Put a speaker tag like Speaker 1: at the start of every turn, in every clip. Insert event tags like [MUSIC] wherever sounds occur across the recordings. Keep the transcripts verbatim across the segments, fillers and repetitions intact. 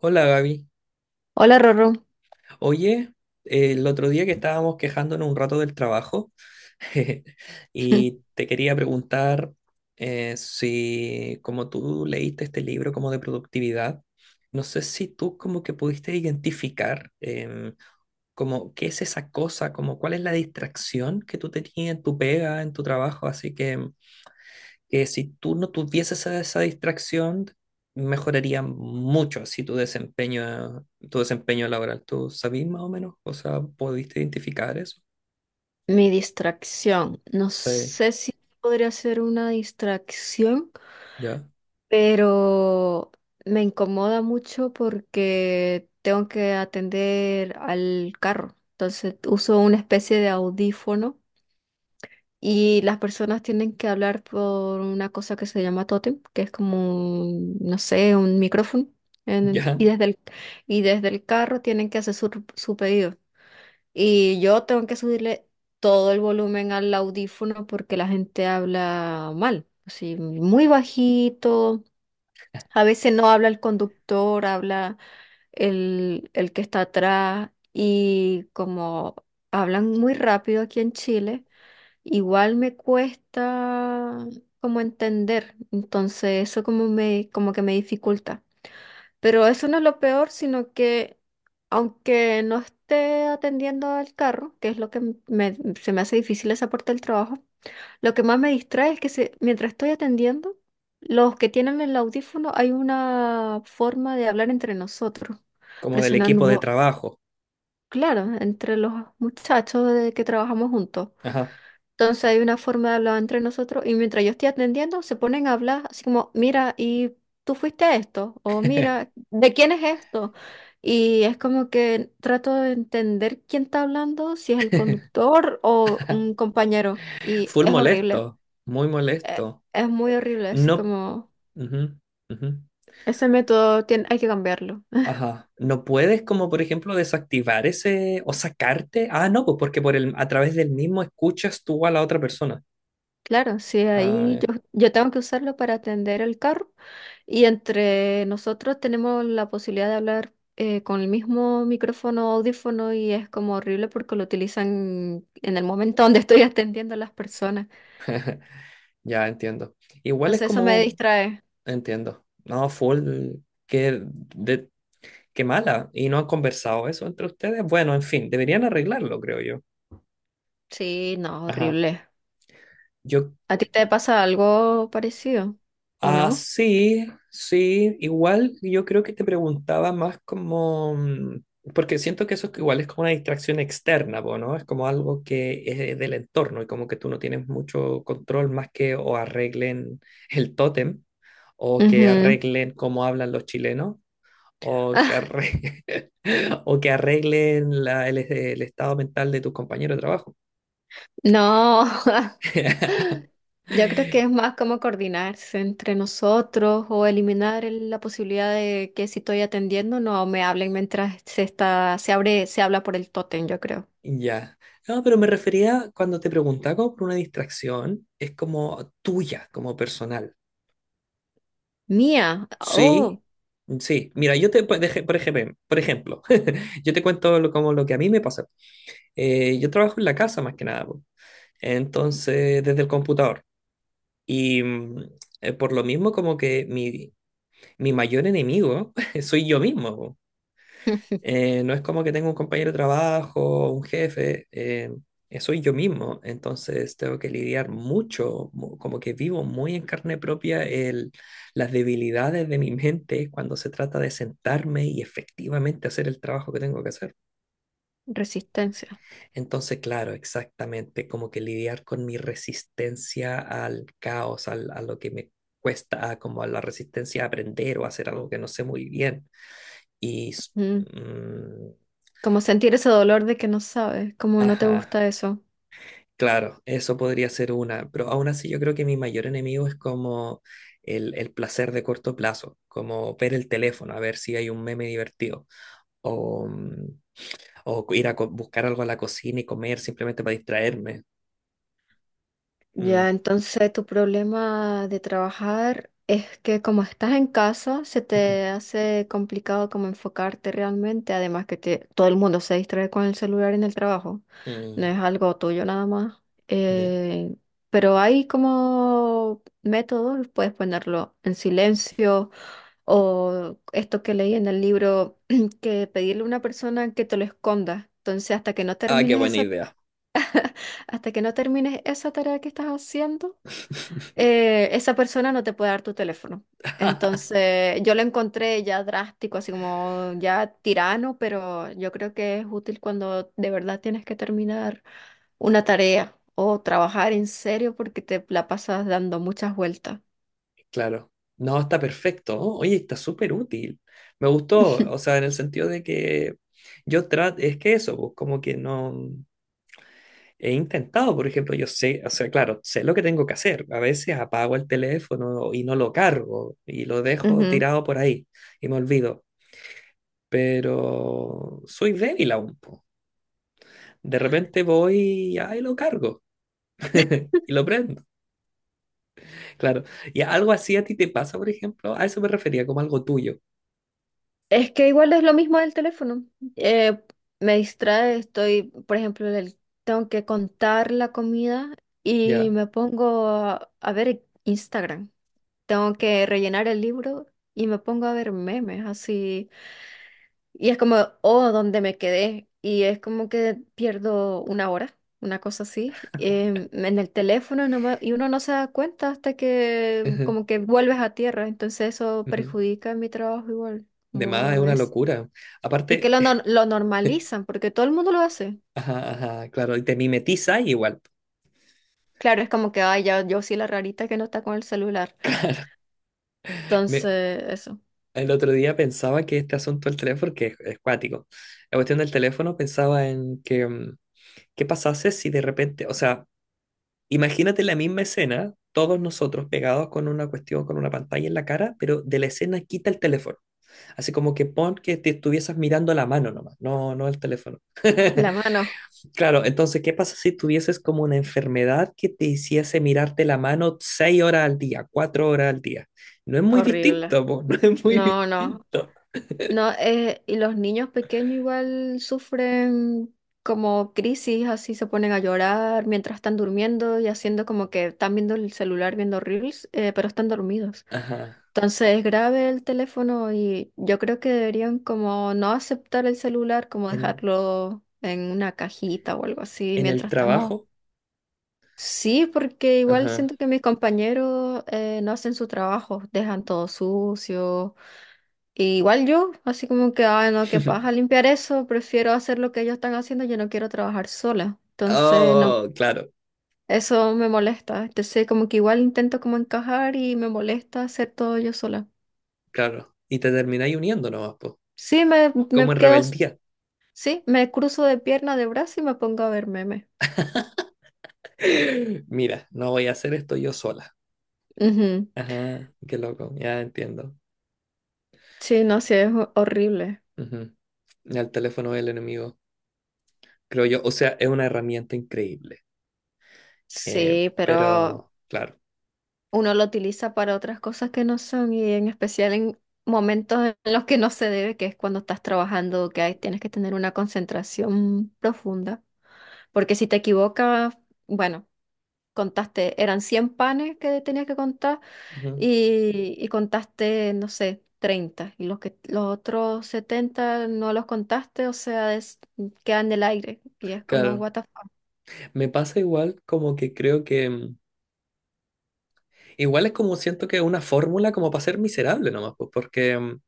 Speaker 1: Hola Gaby.
Speaker 2: Hola, Rorro.
Speaker 1: Oye, el otro día que estábamos quejándonos un rato del trabajo [LAUGHS]
Speaker 2: [LAUGHS]
Speaker 1: y te quería preguntar eh, si como tú leíste este libro como de productividad, no sé si tú como que pudiste identificar em, como qué es esa cosa, como cuál es la distracción que tú tenías en tu pega, en tu trabajo, así que em, eh, si tú no tuvieses esa, esa distracción, mejoraría mucho así tu desempeño, tu desempeño laboral. ¿Tú sabís más o menos? O sea, ¿pudiste identificar eso?
Speaker 2: Mi distracción. No
Speaker 1: Sí,
Speaker 2: sé si podría ser una distracción,
Speaker 1: ya,
Speaker 2: pero me incomoda mucho porque tengo que atender al carro. Entonces uso una especie de audífono y las personas tienen que hablar por una cosa que se llama tótem, que es como, un, no sé, un micrófono. En- y
Speaker 1: ya.
Speaker 2: desde el, y desde el carro tienen que hacer su, su pedido. Y yo tengo que subirle todo el volumen al audífono porque la gente habla mal, así muy bajito. A veces no habla el conductor, habla el, el que está atrás. Y como hablan muy rápido aquí en Chile, igual me cuesta como entender. Entonces eso como me, como que me dificulta. Pero eso no es lo peor, sino que aunque no esté atendiendo al carro, que es lo que m- me- se me hace difícil esa parte del trabajo, lo que más me distrae es que se- mientras estoy atendiendo, los que tienen el audífono hay una forma de hablar entre nosotros,
Speaker 1: Como del equipo de
Speaker 2: presionando
Speaker 1: trabajo.
Speaker 2: claro, entre los muchachos de que trabajamos juntos.
Speaker 1: Ajá.
Speaker 2: Entonces hay una forma de hablar entre nosotros y mientras yo estoy atendiendo, se ponen a hablar así como, mira, ¿y tú fuiste a esto? O mira,
Speaker 1: [LAUGHS]
Speaker 2: ¿de quién es esto? Y es como que trato de entender quién está hablando, si es el conductor o un compañero. Y
Speaker 1: Full
Speaker 2: es horrible,
Speaker 1: molesto, muy
Speaker 2: e-
Speaker 1: molesto.
Speaker 2: es, muy horrible, así
Speaker 1: No,
Speaker 2: como
Speaker 1: ujú, ujú.
Speaker 2: ese método tiene, hay que cambiarlo.
Speaker 1: Ajá. ¿No puedes como por ejemplo desactivar ese o sacarte? Ah, no, pues porque por el, a través del mismo escuchas tú a la otra persona.
Speaker 2: Claro, sí,
Speaker 1: Ah,
Speaker 2: ahí
Speaker 1: ya.
Speaker 2: yo, yo tengo que usarlo para atender el carro y entre nosotros tenemos la posibilidad de hablar eh, con el mismo micrófono, audífono y es como horrible porque lo utilizan en el momento donde estoy [LAUGHS] atendiendo a las personas.
Speaker 1: [LAUGHS] Ya entiendo. Igual es
Speaker 2: Entonces eso me
Speaker 1: como,
Speaker 2: distrae.
Speaker 1: entiendo. No, full, que de, qué mala. ¿Y no han conversado eso entre ustedes? Bueno, en fin, deberían arreglarlo, creo yo.
Speaker 2: Sí, no,
Speaker 1: Ajá.
Speaker 2: horrible.
Speaker 1: Yo,
Speaker 2: ¿A ti te pasa algo parecido o
Speaker 1: ah,
Speaker 2: no?
Speaker 1: sí, sí. Igual yo creo que te preguntaba más como, mm, porque siento que eso es igual es como una distracción externa, po, ¿no? Es como algo que es del entorno y como que tú no tienes mucho control más que o arreglen el tótem o que
Speaker 2: Ujú.
Speaker 1: arreglen cómo hablan los chilenos o que
Speaker 2: [LAUGHS]
Speaker 1: arregle, [LAUGHS] o que arreglen la- el, el estado mental de tus compañeros de trabajo.
Speaker 2: No.
Speaker 1: [LAUGHS]
Speaker 2: Yo creo que es más como coordinarse entre nosotros o eliminar el- la posibilidad de que si estoy atendiendo no me hablen mientras se está, se abre, se habla por el tótem, yo creo.
Speaker 1: Ya. No, pero me refería cuando te preguntaba como por una distracción, es como tuya, como personal.
Speaker 2: Mía,
Speaker 1: Sí,
Speaker 2: oh,
Speaker 1: sí. Mira, yo te, por ej- por ejemplo, por ejemplo, [LAUGHS] yo te cuento lo- como lo que a mí me pasa. Eh, yo trabajo en la casa más que nada, po. Entonces, desde el computador. Y mm, eh, por lo mismo, como que mi, mi mayor enemigo [LAUGHS] soy yo mismo. Po.
Speaker 2: [LAUGHS]
Speaker 1: Eh, no es como que tengo un compañero de trabajo, un jefe, eh, eh, soy yo mismo. Entonces tengo que lidiar mucho, mu- como que vivo muy en carne propia el, las debilidades de mi mente cuando se trata de sentarme y efectivamente hacer el trabajo que tengo que hacer.
Speaker 2: resistencia.
Speaker 1: Entonces, claro, exactamente, como que lidiar con mi resistencia al caos, al- a lo que me cuesta, como a la resistencia a aprender o a hacer algo que no sé muy bien. Y... s-
Speaker 2: Mm.
Speaker 1: mm,
Speaker 2: Como sentir ese dolor de que no sabes, como no te
Speaker 1: ajá,
Speaker 2: gusta eso.
Speaker 1: claro, eso podría ser una, pero aún así yo creo que mi mayor enemigo es como el, el placer de corto plazo, como ver el teléfono, a ver si hay un meme divertido, o, mm, o ir a co- buscar algo a la cocina y comer simplemente para distraerme. Mm.
Speaker 2: Ya, entonces tu problema de trabajar es que como estás en casa, se
Speaker 1: [LAUGHS] Ujú.
Speaker 2: te hace complicado como enfocarte realmente, además que te- todo el mundo se distrae con el celular en el trabajo, no
Speaker 1: Mm.
Speaker 2: es algo tuyo nada más.
Speaker 1: Ya.
Speaker 2: Eh, pero hay como métodos, puedes ponerlo en silencio o esto que leí en el libro, [CLEARS THROAT] que pedirle a una persona que te lo esconda. Entonces, hasta que no
Speaker 1: Ah, qué
Speaker 2: termines
Speaker 1: buena
Speaker 2: esa,
Speaker 1: idea.
Speaker 2: hasta que no termines esa tarea que estás haciendo eh, esa persona no te puede dar tu teléfono.
Speaker 1: [LAUGHS]
Speaker 2: Entonces, yo lo encontré ya drástico, así como ya tirano, pero yo creo que es útil cuando de verdad tienes que terminar una tarea o trabajar en serio porque te la pasas dando muchas vueltas.
Speaker 1: Claro. No, está perfecto. Oh, oye, está súper útil. Me gustó, o
Speaker 2: [LAUGHS]
Speaker 1: sea, en el sentido de que yo trato, es que eso, pues, como que no he intentado, por ejemplo, yo sé, o sea, claro, sé lo que tengo que hacer. A veces apago el teléfono y no lo cargo y lo dejo
Speaker 2: Ujú.
Speaker 1: tirado por ahí y me olvido, pero soy débil aún, po. De repente voy y ahí lo cargo [LAUGHS] y lo prendo, claro. ¿Y algo así a ti te pasa, por ejemplo? A eso me refería, como algo tuyo,
Speaker 2: Es que igual es lo mismo del teléfono. Eh, Me distrae, estoy, por ejemplo, el- tengo que contar la comida y
Speaker 1: ya.
Speaker 2: me pongo a, a ver Instagram. Tengo que rellenar el libro y me pongo a ver memes así. Y es como, oh, ¿dónde me quedé? Y es como que pierdo una hora, una cosa así, em, en el teléfono no me- y uno no se da cuenta hasta que
Speaker 1: Ujú,
Speaker 2: como que vuelves a tierra. Entonces eso
Speaker 1: ujú.
Speaker 2: perjudica mi trabajo igual,
Speaker 1: De más es
Speaker 2: como
Speaker 1: una
Speaker 2: es.
Speaker 1: locura.
Speaker 2: Es que
Speaker 1: Aparte,
Speaker 2: lo, nor- lo normalizan porque todo el mundo lo hace.
Speaker 1: [LAUGHS] ajá, ajá, claro, y te mimetiza igual.
Speaker 2: Claro, es como que, ay, ya, yo soy la rarita que no está con el celular.
Speaker 1: Me-
Speaker 2: Entonces, eso.
Speaker 1: el otro día pensaba que este asunto del teléfono, que es, es cuático, la cuestión del teléfono pensaba en que, mm, ¿qué pasase si de repente, o sea, imagínate la misma escena, todos nosotros pegados con una cuestión, con una pantalla en la cara, pero de la escena quita el teléfono? Así como que pon que te estuvieses mirando la mano nomás, no, no el teléfono.
Speaker 2: La
Speaker 1: [LAUGHS]
Speaker 2: mano,
Speaker 1: Claro, entonces, ¿qué pasa si tuvieses como una enfermedad que te hiciese mirarte la mano seis horas al día, cuatro horas al día? No es muy
Speaker 2: horrible.
Speaker 1: distinto, po, [LAUGHS] no es muy
Speaker 2: No, no.
Speaker 1: distinto.
Speaker 2: No, eh, y los niños pequeños igual sufren como crisis, así se ponen a llorar mientras están durmiendo y haciendo como que están viendo el celular, viendo reels, eh, pero están dormidos.
Speaker 1: Ajá.
Speaker 2: Entonces es grave el teléfono y yo creo que deberían como no aceptar el celular, como
Speaker 1: En,
Speaker 2: dejarlo en una cajita o algo así
Speaker 1: en el
Speaker 2: mientras estamos.
Speaker 1: trabajo.
Speaker 2: Sí, porque igual
Speaker 1: Ajá.
Speaker 2: siento que mis compañeros eh, no hacen su trabajo, dejan todo sucio y igual yo, así como que, ay, no, qué paja
Speaker 1: [LAUGHS]
Speaker 2: limpiar eso, prefiero hacer lo que ellos están haciendo, yo no quiero trabajar sola. Entonces, no,
Speaker 1: Oh, claro,
Speaker 2: eso me molesta. Entonces, como que igual intento como encajar y me molesta hacer todo yo sola.
Speaker 1: claro. Y te termináis uniendo nomás, po,
Speaker 2: Sí, me, me
Speaker 1: como en
Speaker 2: quedo, s-
Speaker 1: rebeldía.
Speaker 2: sí, me cruzo de pierna, de brazo y me pongo a ver memes.
Speaker 1: [GASPS] [LAUGHS] Mira, no voy a hacer esto yo sola.
Speaker 2: Ujú.
Speaker 1: Ajá, qué loco, ya entiendo.
Speaker 2: Sí, no, sí, es ho- horrible.
Speaker 1: Ujú. El teléfono del enemigo, creo yo. O sea, es una herramienta increíble. Eh,
Speaker 2: Sí, pero
Speaker 1: pero, claro.
Speaker 2: uno lo utiliza para otras cosas que no son y en especial en momentos en los que no se debe, que es cuando estás trabajando, que ahí tienes que tener una concentración profunda, porque si te equivocas, bueno, contaste, eran cien panes que tenías que contar
Speaker 1: Ujú.
Speaker 2: y, y contaste, no sé, treinta y los que los otros setenta no los contaste, o sea, es- quedan en el aire y es como
Speaker 1: Claro.
Speaker 2: what the fuck.
Speaker 1: Me pasa igual como que creo que... mm, igual es como siento que es una fórmula como para ser miserable nomás, pues, porque mm,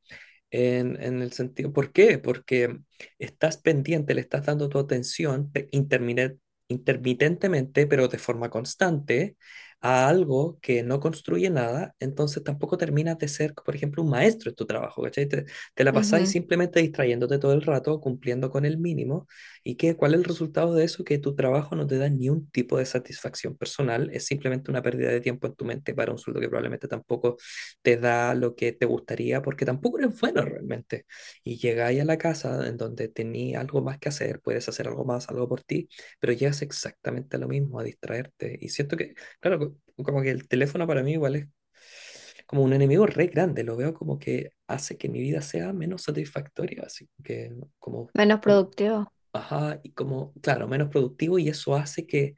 Speaker 1: En, en el sentido, ¿por qué? Porque estás pendiente, le estás dando tu atención pe- intermine- intermitentemente, pero de forma constante, a algo que no construye nada, entonces tampoco terminas de ser, por ejemplo, un maestro en tu trabajo, ¿cachai? Te, te la pasáis
Speaker 2: Ujú.
Speaker 1: simplemente distrayéndote todo el rato, cumpliendo con el mínimo, y qué, ¿cuál es el resultado de eso? Que tu trabajo no te da ni un tipo de satisfacción personal, es simplemente una pérdida de tiempo en tu mente para un sueldo que probablemente tampoco te da lo que te gustaría porque tampoco eres bueno realmente. Y llegáis a la casa en donde tenías algo más que hacer, puedes hacer algo más, algo por ti, pero llegas exactamente a lo mismo, a distraerte. Y siento que, claro, co- como que el teléfono para mí igual es como un enemigo re grande, lo veo como que hace que mi vida sea menos satisfactoria, así que como...
Speaker 2: Menos
Speaker 1: como
Speaker 2: productivo,
Speaker 1: ajá, y como, claro, menos productivo y eso hace que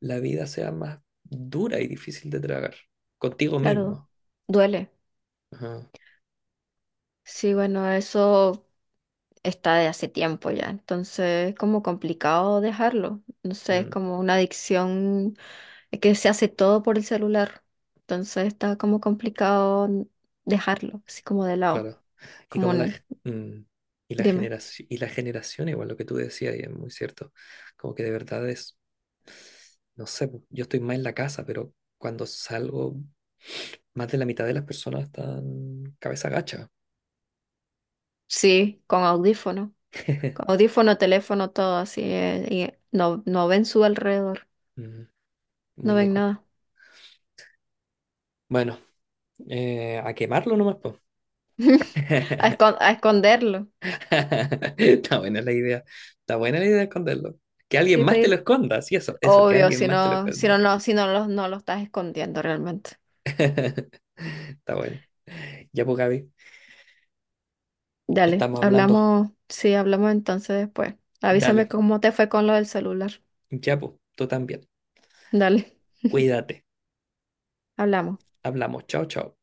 Speaker 1: la vida sea más dura y difícil de tragar contigo
Speaker 2: claro,
Speaker 1: mismo.
Speaker 2: duele.
Speaker 1: Ajá.
Speaker 2: Sí, bueno, eso está de hace tiempo ya, entonces es como complicado dejarlo. No sé, es
Speaker 1: Mm.
Speaker 2: como una adicción eh, que se hace todo por el celular, entonces está como complicado n- dejarlo, así como de lado,
Speaker 1: Claro. Y
Speaker 2: como
Speaker 1: como la,
Speaker 2: un-
Speaker 1: g- mm, y la
Speaker 2: dime,
Speaker 1: generación, y la generación, igual lo que tú decías, y es muy cierto, como que de verdad es, no sé, pu, yo estoy más en la casa, pero cuando salgo, más de la mitad de las personas están cabeza gacha.
Speaker 2: sí, con audífono, con
Speaker 1: [LAUGHS]
Speaker 2: audífono, teléfono, todo así, eh, y no, no ven su alrededor,
Speaker 1: Mm. Muy
Speaker 2: no ven
Speaker 1: loco.
Speaker 2: nada.
Speaker 1: Bueno, eh, a quemarlo nomás, pues.
Speaker 2: [LAUGHS] A,
Speaker 1: [LAUGHS]
Speaker 2: escon- a esconderlo,
Speaker 1: Está buena la idea. Está buena la idea de esconderlo. Que alguien
Speaker 2: sí,
Speaker 1: más te lo
Speaker 2: pedir,
Speaker 1: esconda, sí, eso, eso, que
Speaker 2: obvio,
Speaker 1: alguien
Speaker 2: si
Speaker 1: más te lo
Speaker 2: no, si
Speaker 1: esconda.
Speaker 2: no, no, si no, lo- no lo estás escondiendo realmente.
Speaker 1: [LAUGHS] Está bueno. Ya pues, Gaby,
Speaker 2: Dale,
Speaker 1: estamos hablando.
Speaker 2: hablamos, sí, hablamos entonces después. Avísame
Speaker 1: Dale,
Speaker 2: cómo te fue con lo del celular.
Speaker 1: ya, pues, tú también.
Speaker 2: Dale,
Speaker 1: Cuídate.
Speaker 2: hablamos.
Speaker 1: Hablamos. Chao, chao.